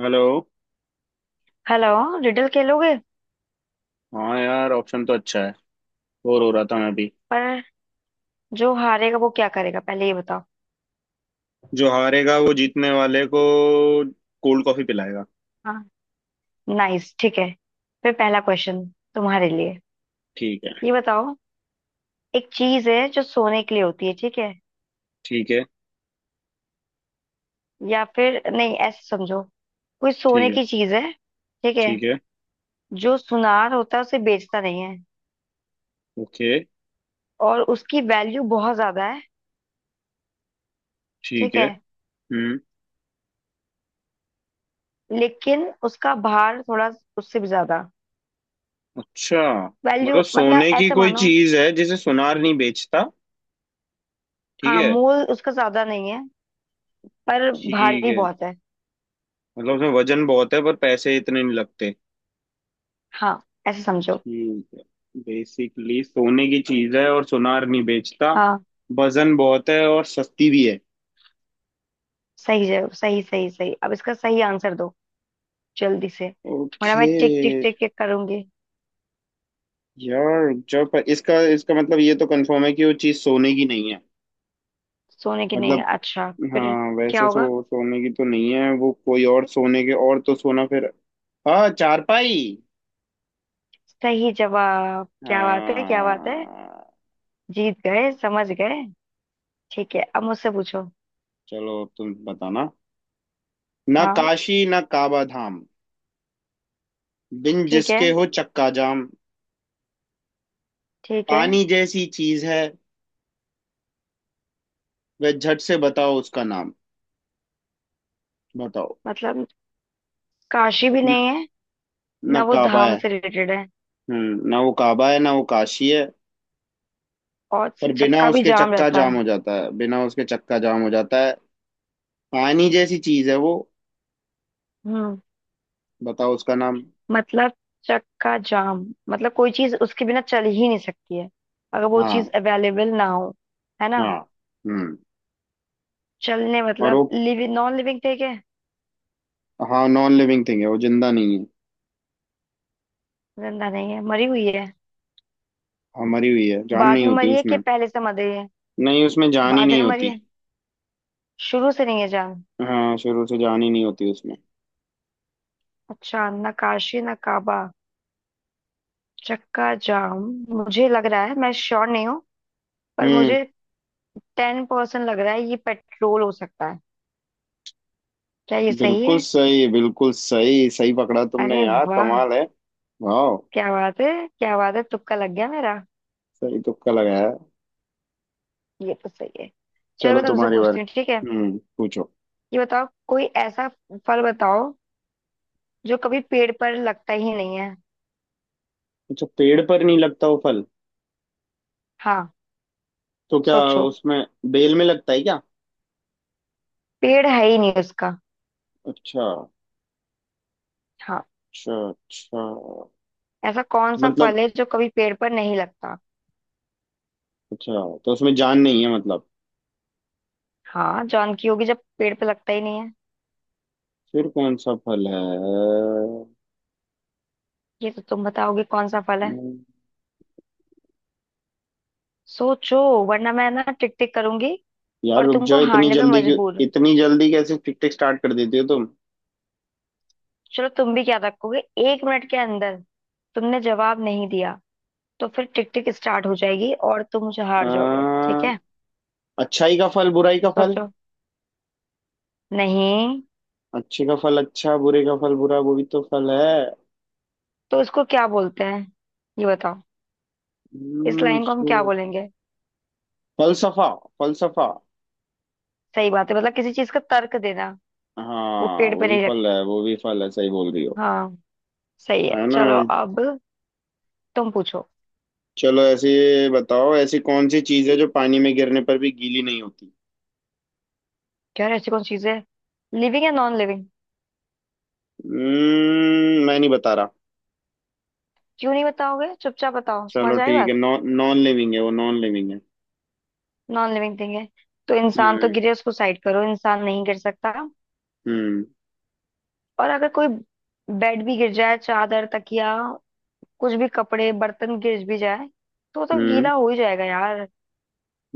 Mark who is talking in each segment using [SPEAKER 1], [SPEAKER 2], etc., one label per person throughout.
[SPEAKER 1] Hello.
[SPEAKER 2] Hello. Riddle खेलोगे?
[SPEAKER 1] हाँ यार ऑप्शन तो अच्छा है। बोर हो रहा था मैं भी।
[SPEAKER 2] पर जो हारेगा वो क्या करेगा पहले ये बताओ।
[SPEAKER 1] जो हारेगा वो जीतने वाले को कोल्ड कॉफी पिलाएगा।
[SPEAKER 2] हाँ, नाइस, ठीक है। फिर पहला क्वेश्चन तुम्हारे लिए।
[SPEAKER 1] ठीक है।
[SPEAKER 2] ये बताओ, एक चीज है जो सोने के लिए होती है, ठीक है?
[SPEAKER 1] ठीक है।
[SPEAKER 2] या फिर नहीं, ऐसे समझो, कोई
[SPEAKER 1] ठीक
[SPEAKER 2] सोने
[SPEAKER 1] है।
[SPEAKER 2] की चीज है, ठीक है?
[SPEAKER 1] ठीक है।
[SPEAKER 2] जो सुनार होता है उसे बेचता नहीं है,
[SPEAKER 1] ओके।
[SPEAKER 2] और उसकी वैल्यू बहुत ज्यादा है,
[SPEAKER 1] ठीक
[SPEAKER 2] ठीक
[SPEAKER 1] है।
[SPEAKER 2] है।
[SPEAKER 1] हम्म।
[SPEAKER 2] लेकिन उसका भार थोड़ा उससे भी ज्यादा।
[SPEAKER 1] अच्छा।
[SPEAKER 2] वैल्यू
[SPEAKER 1] मतलब
[SPEAKER 2] मतलब
[SPEAKER 1] सोने की
[SPEAKER 2] ऐसे
[SPEAKER 1] कोई
[SPEAKER 2] मानो,
[SPEAKER 1] चीज है जिसे सुनार नहीं बेचता। ठीक
[SPEAKER 2] हाँ,
[SPEAKER 1] है।
[SPEAKER 2] मोल उसका ज्यादा नहीं है, पर
[SPEAKER 1] ठीक
[SPEAKER 2] भारी
[SPEAKER 1] है।
[SPEAKER 2] बहुत है।
[SPEAKER 1] मतलब उसमें वजन बहुत है पर पैसे इतने नहीं लगते।
[SPEAKER 2] हाँ, ऐसे समझो।
[SPEAKER 1] ठीक है। बेसिकली सोने की चीज है और सुनार नहीं बेचता।
[SPEAKER 2] हाँ,
[SPEAKER 1] वजन बहुत है और सस्ती भी है।
[SPEAKER 2] सही जवाब, सही सही सही, अब इसका सही आंसर दो जल्दी से, वरना
[SPEAKER 1] ओके।
[SPEAKER 2] मैं टिक टिक टिक टिक करूंगी।
[SPEAKER 1] यार जब इसका इसका मतलब ये तो कंफर्म है कि वो चीज सोने की नहीं है।
[SPEAKER 2] सोने की नहीं?
[SPEAKER 1] मतलब।
[SPEAKER 2] अच्छा, फिर
[SPEAKER 1] हाँ
[SPEAKER 2] क्या
[SPEAKER 1] वैसे
[SPEAKER 2] होगा?
[SPEAKER 1] सोने की तो नहीं है वो कोई और सोने के और तो सोना फिर। हाँ चारपाई।
[SPEAKER 2] सही जवाब, क्या बात है, क्या बात है,
[SPEAKER 1] हाँ।
[SPEAKER 2] जीत गए, समझ गए। ठीक है, अब मुझसे पूछो।
[SPEAKER 1] चलो अब तुम बताना। ना
[SPEAKER 2] हाँ।
[SPEAKER 1] काशी ना काबा धाम, बिन
[SPEAKER 2] ठीक है,
[SPEAKER 1] जिसके हो चक्का जाम।
[SPEAKER 2] ठीक है,
[SPEAKER 1] पानी जैसी चीज है वह, झट से बताओ उसका नाम। बताओ।
[SPEAKER 2] मतलब काशी भी
[SPEAKER 1] न-
[SPEAKER 2] नहीं है,
[SPEAKER 1] ना
[SPEAKER 2] ना वो
[SPEAKER 1] काबा
[SPEAKER 2] धाम
[SPEAKER 1] है।
[SPEAKER 2] से रिलेटेड है,
[SPEAKER 1] ना वो काबा है ना वो काशी है।
[SPEAKER 2] और से
[SPEAKER 1] पर बिना
[SPEAKER 2] चक्का भी
[SPEAKER 1] उसके
[SPEAKER 2] जाम
[SPEAKER 1] चक्का
[SPEAKER 2] रहता
[SPEAKER 1] जाम
[SPEAKER 2] है।
[SPEAKER 1] हो जाता है, बिना उसके चक्का जाम हो जाता है। पानी जैसी चीज है वो।
[SPEAKER 2] हम्म।
[SPEAKER 1] बताओ उसका नाम।
[SPEAKER 2] मतलब चक्का जाम, मतलब कोई चीज उसके बिना चल ही नहीं सकती है अगर वो
[SPEAKER 1] हाँ।
[SPEAKER 2] चीज अवेलेबल ना हो, है ना?
[SPEAKER 1] हाँ। हम्म।
[SPEAKER 2] चलने
[SPEAKER 1] और
[SPEAKER 2] मतलब
[SPEAKER 1] वो।
[SPEAKER 2] लिविंग नॉन लिविंग थिंग है?
[SPEAKER 1] हाँ नॉन लिविंग थिंग है वो जिंदा नहीं है।
[SPEAKER 2] जिंदा नहीं है, मरी हुई है?
[SPEAKER 1] हाँ, मरी हुई है जान
[SPEAKER 2] बाद
[SPEAKER 1] नहीं
[SPEAKER 2] में
[SPEAKER 1] होती
[SPEAKER 2] मरी है कि
[SPEAKER 1] उसमें।
[SPEAKER 2] पहले से मरी है?
[SPEAKER 1] नहीं उसमें जान ही
[SPEAKER 2] बाद में
[SPEAKER 1] नहीं
[SPEAKER 2] मरी
[SPEAKER 1] होती।
[SPEAKER 2] है? शुरू से नहीं है जान?
[SPEAKER 1] हाँ शुरू से जान ही नहीं होती उसमें।
[SPEAKER 2] अच्छा, नक्काशी नकाबा चक्का जाम, मुझे लग रहा है, मैं श्योर नहीं हूँ, पर
[SPEAKER 1] हम्म।
[SPEAKER 2] मुझे 10% लग रहा है ये पेट्रोल हो सकता है। क्या ये सही है?
[SPEAKER 1] बिल्कुल सही सही पकड़ा तुमने
[SPEAKER 2] अरे
[SPEAKER 1] यार
[SPEAKER 2] वाह,
[SPEAKER 1] कमाल है। वाह।
[SPEAKER 2] क्या बात है, क्या बात है, तुक्का लग गया मेरा।
[SPEAKER 1] सही तुक्का लगाया है।
[SPEAKER 2] ये तो सही है। चलो
[SPEAKER 1] चलो
[SPEAKER 2] मैं तुमसे
[SPEAKER 1] तुम्हारी बार
[SPEAKER 2] पूछती हूँ, ठीक है?
[SPEAKER 1] पूछो।
[SPEAKER 2] ये बताओ, कोई ऐसा फल बताओ जो कभी पेड़ पर लगता ही नहीं है।
[SPEAKER 1] अच्छा पेड़ पर नहीं लगता वो फल।
[SPEAKER 2] हाँ,
[SPEAKER 1] तो क्या?
[SPEAKER 2] सोचो।
[SPEAKER 1] उसमें बेल में लगता है क्या?
[SPEAKER 2] पेड़ है ही नहीं उसका।
[SPEAKER 1] अच्छा।
[SPEAKER 2] हाँ,
[SPEAKER 1] अच्छा। अच्छा, तो
[SPEAKER 2] ऐसा कौन सा फल
[SPEAKER 1] मतलब
[SPEAKER 2] है जो कभी पेड़ पर नहीं लगता?
[SPEAKER 1] अच्छा तो उसमें जान नहीं है मतलब।
[SPEAKER 2] हाँ, जॉन की होगी जब पेड़ पर लगता ही नहीं है।
[SPEAKER 1] फिर कौन सा फल है।
[SPEAKER 2] ये तो तुम बताओगे कौन सा फल है, सोचो, वरना मैं ना टिक टिक करूंगी
[SPEAKER 1] यार
[SPEAKER 2] और
[SPEAKER 1] रुक
[SPEAKER 2] तुमको
[SPEAKER 1] जाओ इतनी
[SPEAKER 2] हारने पे
[SPEAKER 1] जल्दी क्यों।
[SPEAKER 2] मजबूर।
[SPEAKER 1] इतनी जल्दी कैसे टिक टिक स्टार्ट कर देती हो तुम।
[SPEAKER 2] चलो तुम भी क्या रखोगे, एक मिनट के अंदर तुमने जवाब नहीं दिया तो फिर टिक टिक स्टार्ट हो जाएगी और तुम मुझे हार जाओगे, ठीक
[SPEAKER 1] अह,
[SPEAKER 2] है?
[SPEAKER 1] अच्छाई का फल बुराई का फल।
[SPEAKER 2] सोचो। नहीं।
[SPEAKER 1] अच्छे का फल अच्छा बुरे का फल बुरा वो भी तो फल है।
[SPEAKER 2] तो इसको क्या बोलते हैं, ये बताओ, इस
[SPEAKER 1] हम्म,
[SPEAKER 2] लाइन को हम क्या
[SPEAKER 1] उसको-
[SPEAKER 2] बोलेंगे।
[SPEAKER 1] फलसफा। फलसफा।
[SPEAKER 2] सही बात है, मतलब किसी चीज का तर्क देना। वो
[SPEAKER 1] हाँ
[SPEAKER 2] पेड़
[SPEAKER 1] वो
[SPEAKER 2] पे
[SPEAKER 1] भी
[SPEAKER 2] नहीं रख,
[SPEAKER 1] फल है वो भी फल है सही बोल रही हो।
[SPEAKER 2] हाँ, सही है।
[SPEAKER 1] है ना?
[SPEAKER 2] चलो अब तुम पूछो।
[SPEAKER 1] चलो ऐसे ये बताओ ऐसी कौन सी चीज है जो पानी में गिरने पर भी गीली नहीं होती।
[SPEAKER 2] क्या ऐसी कौन चीज है? लिविंग या नॉन लिविंग?
[SPEAKER 1] मैं नहीं बता रहा।
[SPEAKER 2] क्यों नहीं बताओगे, चुपचाप बताओ,
[SPEAKER 1] चलो
[SPEAKER 2] समझ आई
[SPEAKER 1] ठीक है
[SPEAKER 2] बात?
[SPEAKER 1] नॉन नॉन लिविंग है वो नॉन लिविंग है।
[SPEAKER 2] नॉन लिविंग थिंग है, तो इंसान तो
[SPEAKER 1] हम्म।
[SPEAKER 2] गिरे उसको साइड करो, इंसान नहीं गिर सकता।
[SPEAKER 1] हम्म।
[SPEAKER 2] और अगर कोई बेड भी गिर जाए, चादर, तकिया, कुछ भी, कपड़े, बर्तन गिर भी जाए तो वो तो
[SPEAKER 1] हम्म।
[SPEAKER 2] गीला हो ही जाएगा यार।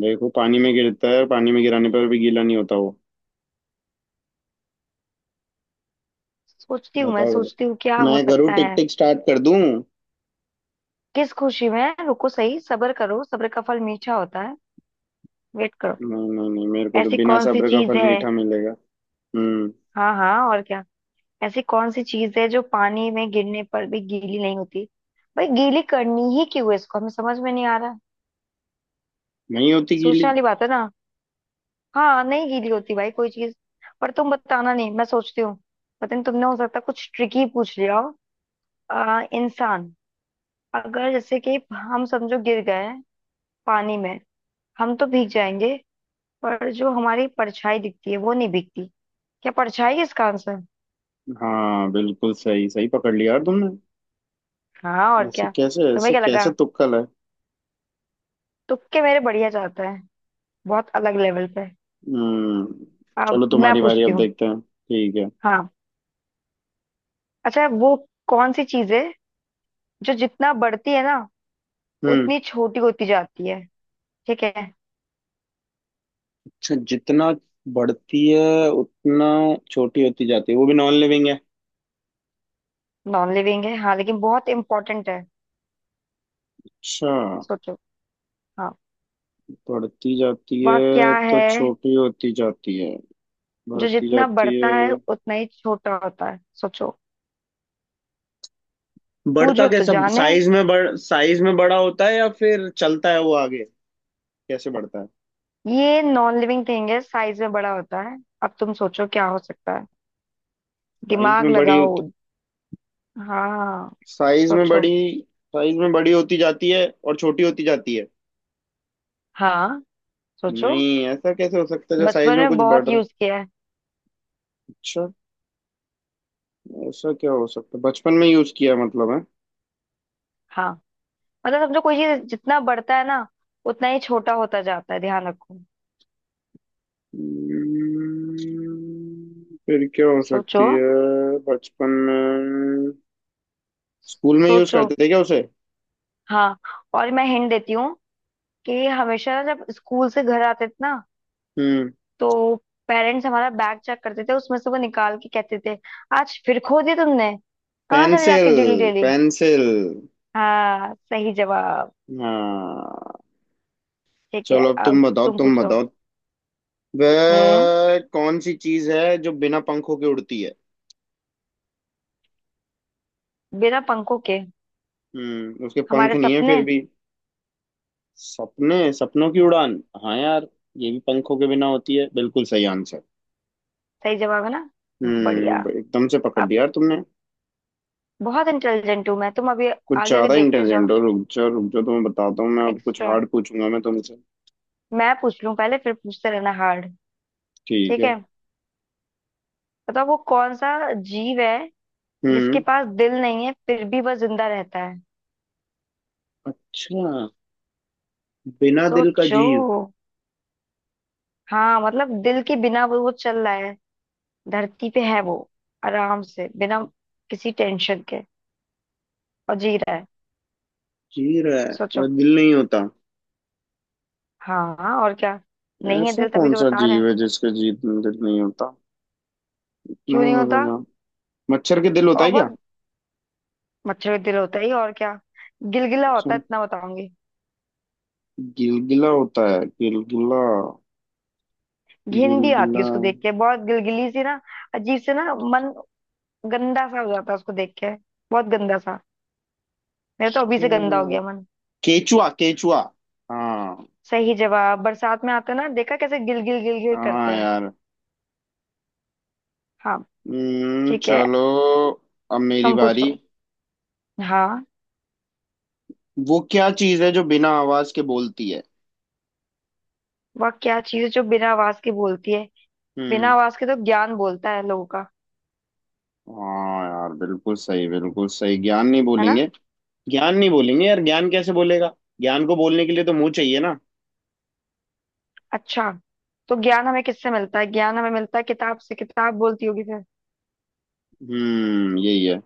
[SPEAKER 1] देखो पानी में गिरता है पानी में गिराने पर भी गीला नहीं होता वो।
[SPEAKER 2] सोचती हूँ, मैं
[SPEAKER 1] बताओ
[SPEAKER 2] सोचती हूँ क्या
[SPEAKER 1] बताओ
[SPEAKER 2] हो
[SPEAKER 1] मैं करूँ
[SPEAKER 2] सकता
[SPEAKER 1] टिक
[SPEAKER 2] है।
[SPEAKER 1] टिक स्टार्ट कर दूं।
[SPEAKER 2] किस खुशी में? रुको, सही, सब्र करो, सब्र का फल मीठा होता है, वेट करो।
[SPEAKER 1] नहीं नहीं नहीं मेरे को तो
[SPEAKER 2] ऐसी
[SPEAKER 1] बिना
[SPEAKER 2] कौन सी
[SPEAKER 1] सब्र का
[SPEAKER 2] चीज
[SPEAKER 1] फल
[SPEAKER 2] है?
[SPEAKER 1] मीठा मिलेगा। हम्म।
[SPEAKER 2] हाँ हाँ, और क्या? ऐसी कौन सी चीज है जो पानी में गिरने पर भी गीली नहीं होती? भाई गीली करनी ही क्यों है इसको, हमें समझ में नहीं आ रहा है।
[SPEAKER 1] नहीं होती
[SPEAKER 2] सोचने
[SPEAKER 1] गीली।
[SPEAKER 2] वाली बात है ना, हाँ, नहीं गीली होती भाई कोई चीज। पर तुम बताना नहीं, मैं सोचती हूँ। पता नहीं तुमने हो सकता है कुछ ट्रिकी पूछ लिया हो। इंसान, अगर जैसे कि हम समझो गिर गए पानी में, हम तो भीग जाएंगे, पर जो हमारी परछाई दिखती है वो नहीं भीगती। क्या परछाई है इसका आंसर?
[SPEAKER 1] हाँ बिल्कुल सही सही पकड़ लिया यार तुमने।
[SPEAKER 2] हाँ, और क्या? तुम्हें
[SPEAKER 1] ऐसे
[SPEAKER 2] क्या
[SPEAKER 1] कैसे
[SPEAKER 2] लगा,
[SPEAKER 1] तुक्कल है।
[SPEAKER 2] तुक्के मेरे बढ़िया जाता है, बहुत अलग लेवल पे।
[SPEAKER 1] हम्म
[SPEAKER 2] अब
[SPEAKER 1] चलो
[SPEAKER 2] मैं
[SPEAKER 1] तुम्हारी बारी
[SPEAKER 2] पूछती
[SPEAKER 1] अब
[SPEAKER 2] हूँ।
[SPEAKER 1] देखते हैं ठीक है।
[SPEAKER 2] हाँ, अच्छा, वो कौन सी चीज है जो जितना बढ़ती है ना,
[SPEAKER 1] हम्म।
[SPEAKER 2] उतनी छोटी होती जाती है, ठीक है?
[SPEAKER 1] अच्छा जितना बढ़ती है उतना छोटी होती जाती है वो भी नॉन लिविंग है।
[SPEAKER 2] नॉन लिविंग है हाँ, लेकिन बहुत इंपॉर्टेंट है।
[SPEAKER 1] अच्छा
[SPEAKER 2] सोचो। हाँ,
[SPEAKER 1] बढ़ती जाती
[SPEAKER 2] वह
[SPEAKER 1] है
[SPEAKER 2] क्या
[SPEAKER 1] तो
[SPEAKER 2] है?
[SPEAKER 1] छोटी होती जाती है।
[SPEAKER 2] जो
[SPEAKER 1] बढ़ती
[SPEAKER 2] जितना
[SPEAKER 1] जाती
[SPEAKER 2] बढ़ता है
[SPEAKER 1] है।
[SPEAKER 2] उतना ही छोटा होता है, सोचो।
[SPEAKER 1] बढ़ता
[SPEAKER 2] पूछो तो
[SPEAKER 1] कैसा
[SPEAKER 2] जाने।
[SPEAKER 1] साइज में बढ़ साइज में बड़ा होता है या फिर चलता है वो आगे। कैसे बढ़ता है।
[SPEAKER 2] ये नॉन लिविंग थिंग है, साइज में बड़ा होता है, अब तुम सोचो क्या हो सकता है,
[SPEAKER 1] साइज
[SPEAKER 2] दिमाग
[SPEAKER 1] में बड़ी
[SPEAKER 2] लगाओ।
[SPEAKER 1] होती।
[SPEAKER 2] हाँ,
[SPEAKER 1] साइज में
[SPEAKER 2] सोचो।
[SPEAKER 1] बड़ी। साइज में बड़ी होती जाती है और छोटी होती जाती है।
[SPEAKER 2] हाँ, सोचो।
[SPEAKER 1] नहीं ऐसा कैसे हो सकता है जो साइज
[SPEAKER 2] बचपन
[SPEAKER 1] में
[SPEAKER 2] में
[SPEAKER 1] कुछ बढ़
[SPEAKER 2] बहुत
[SPEAKER 1] रहा है।
[SPEAKER 2] यूज किया है।
[SPEAKER 1] अच्छा। ऐसा क्या हो सकता है बचपन में यूज किया मतलब है।
[SPEAKER 2] हाँ, मतलब समझो कोई चीज जितना बढ़ता है ना, उतना ही छोटा होता जाता है, ध्यान रखो।
[SPEAKER 1] हम्म, फिर क्या हो
[SPEAKER 2] सोचो।
[SPEAKER 1] सकती है। बचपन में स्कूल में यूज
[SPEAKER 2] सोचो।
[SPEAKER 1] करते थे क्या उसे?
[SPEAKER 2] हाँ, और मैं हिंट देती हूँ कि हमेशा ना, जब स्कूल से घर आते थे ना,
[SPEAKER 1] हम्म।
[SPEAKER 2] तो पेरेंट्स हमारा बैग चेक करते थे, उसमें से वो निकाल के कहते थे, आज फिर खो दिया तुमने, कहाँ चले
[SPEAKER 1] पेंसिल।
[SPEAKER 2] जाती डेली डेली।
[SPEAKER 1] पेंसिल।
[SPEAKER 2] हाँ, सही जवाब।
[SPEAKER 1] हाँ।
[SPEAKER 2] ठीक है,
[SPEAKER 1] चलो अब तुम
[SPEAKER 2] अब
[SPEAKER 1] बताओ
[SPEAKER 2] तुम
[SPEAKER 1] तुम
[SPEAKER 2] पूछो।
[SPEAKER 1] बताओ।
[SPEAKER 2] हम्म,
[SPEAKER 1] वह कौन सी चीज है जो बिना पंखों के उड़ती है?
[SPEAKER 2] बिना पंखों के?
[SPEAKER 1] उसके पंख
[SPEAKER 2] हमारे
[SPEAKER 1] नहीं है फिर
[SPEAKER 2] सपने।
[SPEAKER 1] भी। सपने सपनों की उड़ान। हाँ यार। ये भी पंखों के बिना होती है बिल्कुल सही आंसर।
[SPEAKER 2] सही जवाब है ना? बढ़िया।
[SPEAKER 1] एकदम से पकड़
[SPEAKER 2] अब
[SPEAKER 1] लिया यार तुमने।
[SPEAKER 2] बहुत इंटेलिजेंट हूं मैं, तुम अभी
[SPEAKER 1] कुछ
[SPEAKER 2] आगे आगे
[SPEAKER 1] ज्यादा
[SPEAKER 2] देखते जाओ।
[SPEAKER 1] इंटेलिजेंट हो रुक जाओ तुम्हें बताता हूँ मैं अब कुछ
[SPEAKER 2] एक्स्ट्रा
[SPEAKER 1] हार्ड पूछूंगा मैं तुमसे।
[SPEAKER 2] मैं पूछ लूं पहले, फिर पूछते रहना हार्ड।
[SPEAKER 1] ठीक
[SPEAKER 2] ठीक
[SPEAKER 1] है।
[SPEAKER 2] है, बताओ, वो कौन सा जीव है जिसके
[SPEAKER 1] हम्म।
[SPEAKER 2] पास दिल नहीं है फिर भी वह जिंदा रहता है?
[SPEAKER 1] अच्छा बिना दिल का
[SPEAKER 2] सोचो।
[SPEAKER 1] जीव।
[SPEAKER 2] हाँ, मतलब दिल के बिना वो चल रहा है, धरती पे है वो, आराम से बिना किसी टेंशन के और जी रहा है।
[SPEAKER 1] जी रहा है
[SPEAKER 2] सोचो।
[SPEAKER 1] और दिल नहीं होता।
[SPEAKER 2] हाँ हाँ, और क्या? नहीं है
[SPEAKER 1] ऐसा
[SPEAKER 2] दिल, तभी
[SPEAKER 1] कौन
[SPEAKER 2] तो
[SPEAKER 1] सा
[SPEAKER 2] बता रहे
[SPEAKER 1] जीव
[SPEAKER 2] हैं।
[SPEAKER 1] है जिसके दिल नहीं होता।
[SPEAKER 2] क्यों नहीं होता?
[SPEAKER 1] हम्म, मच्छर के दिल होता
[SPEAKER 2] और
[SPEAKER 1] है क्या?
[SPEAKER 2] बहुत। मच्छर का दिल होता ही, और क्या। गिलगिला
[SPEAKER 1] अच्छा।
[SPEAKER 2] होता है, इतना बताऊंगी।
[SPEAKER 1] गिलगिला होता है गिलगिला।
[SPEAKER 2] घिन भी आती
[SPEAKER 1] गिलगिला।
[SPEAKER 2] है उसको देख के, बहुत गिलगिली सी ना, अजीब से ना, मन गंदा सा हो जाता है उसको देख के, बहुत गंदा सा, मेरा तो अभी से गंदा हो
[SPEAKER 1] अच्छा,
[SPEAKER 2] गया मन।
[SPEAKER 1] केचुआ। केचुआ। हाँ।
[SPEAKER 2] सही जवाब, बरसात में आते हैं ना, देखा कैसे गिल गिल गिल गिल करते
[SPEAKER 1] हाँ
[SPEAKER 2] हैं।
[SPEAKER 1] यार।
[SPEAKER 2] हाँ, ठीक है,
[SPEAKER 1] चलो। अब मेरी
[SPEAKER 2] तुम
[SPEAKER 1] बारी।
[SPEAKER 2] पूछो। हाँ,
[SPEAKER 1] वो क्या चीज है जो बिना आवाज के बोलती है?
[SPEAKER 2] वह क्या चीज़ है जो बिना आवाज के बोलती है? बिना
[SPEAKER 1] हम्म।
[SPEAKER 2] आवाज के तो ज्ञान बोलता है लोगों का,
[SPEAKER 1] हाँ यार बिल्कुल सही ज्ञान नहीं
[SPEAKER 2] है ना?
[SPEAKER 1] बोलेंगे। ज्ञान नहीं बोलेंगे यार ज्ञान कैसे बोलेगा। ज्ञान को बोलने के लिए तो मुंह चाहिए ना।
[SPEAKER 2] अच्छा, तो ज्ञान हमें किससे मिलता है? ज्ञान हमें मिलता है किताब से, किताब बोलती होगी फिर।
[SPEAKER 1] यही है।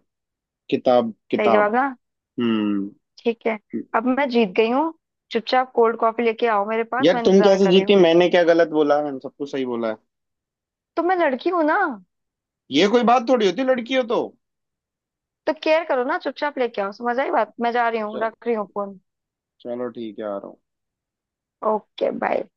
[SPEAKER 1] किताब।
[SPEAKER 2] सही
[SPEAKER 1] किताब।
[SPEAKER 2] जवाब ना?
[SPEAKER 1] हम्म।
[SPEAKER 2] ठीक है, अब मैं जीत गई हूँ, चुपचाप कोल्ड कॉफी लेके आओ मेरे पास,
[SPEAKER 1] यार
[SPEAKER 2] मैं
[SPEAKER 1] तुम
[SPEAKER 2] इंतजार
[SPEAKER 1] कैसे
[SPEAKER 2] कर रही हूँ।
[SPEAKER 1] जीती मैंने क्या गलत बोला मैंने सब कुछ सही बोला है।
[SPEAKER 2] तो मैं लड़की हूँ ना,
[SPEAKER 1] ये कोई बात थोड़ी होती लड़की हो तो।
[SPEAKER 2] तो केयर करो ना, चुपचाप लेके आओ, समझ आई बात? मैं जा रही हूँ,
[SPEAKER 1] चल।
[SPEAKER 2] रख रही हूँ फोन।
[SPEAKER 1] चलो ठीक है आ रहा हूँ।
[SPEAKER 2] Okay bye.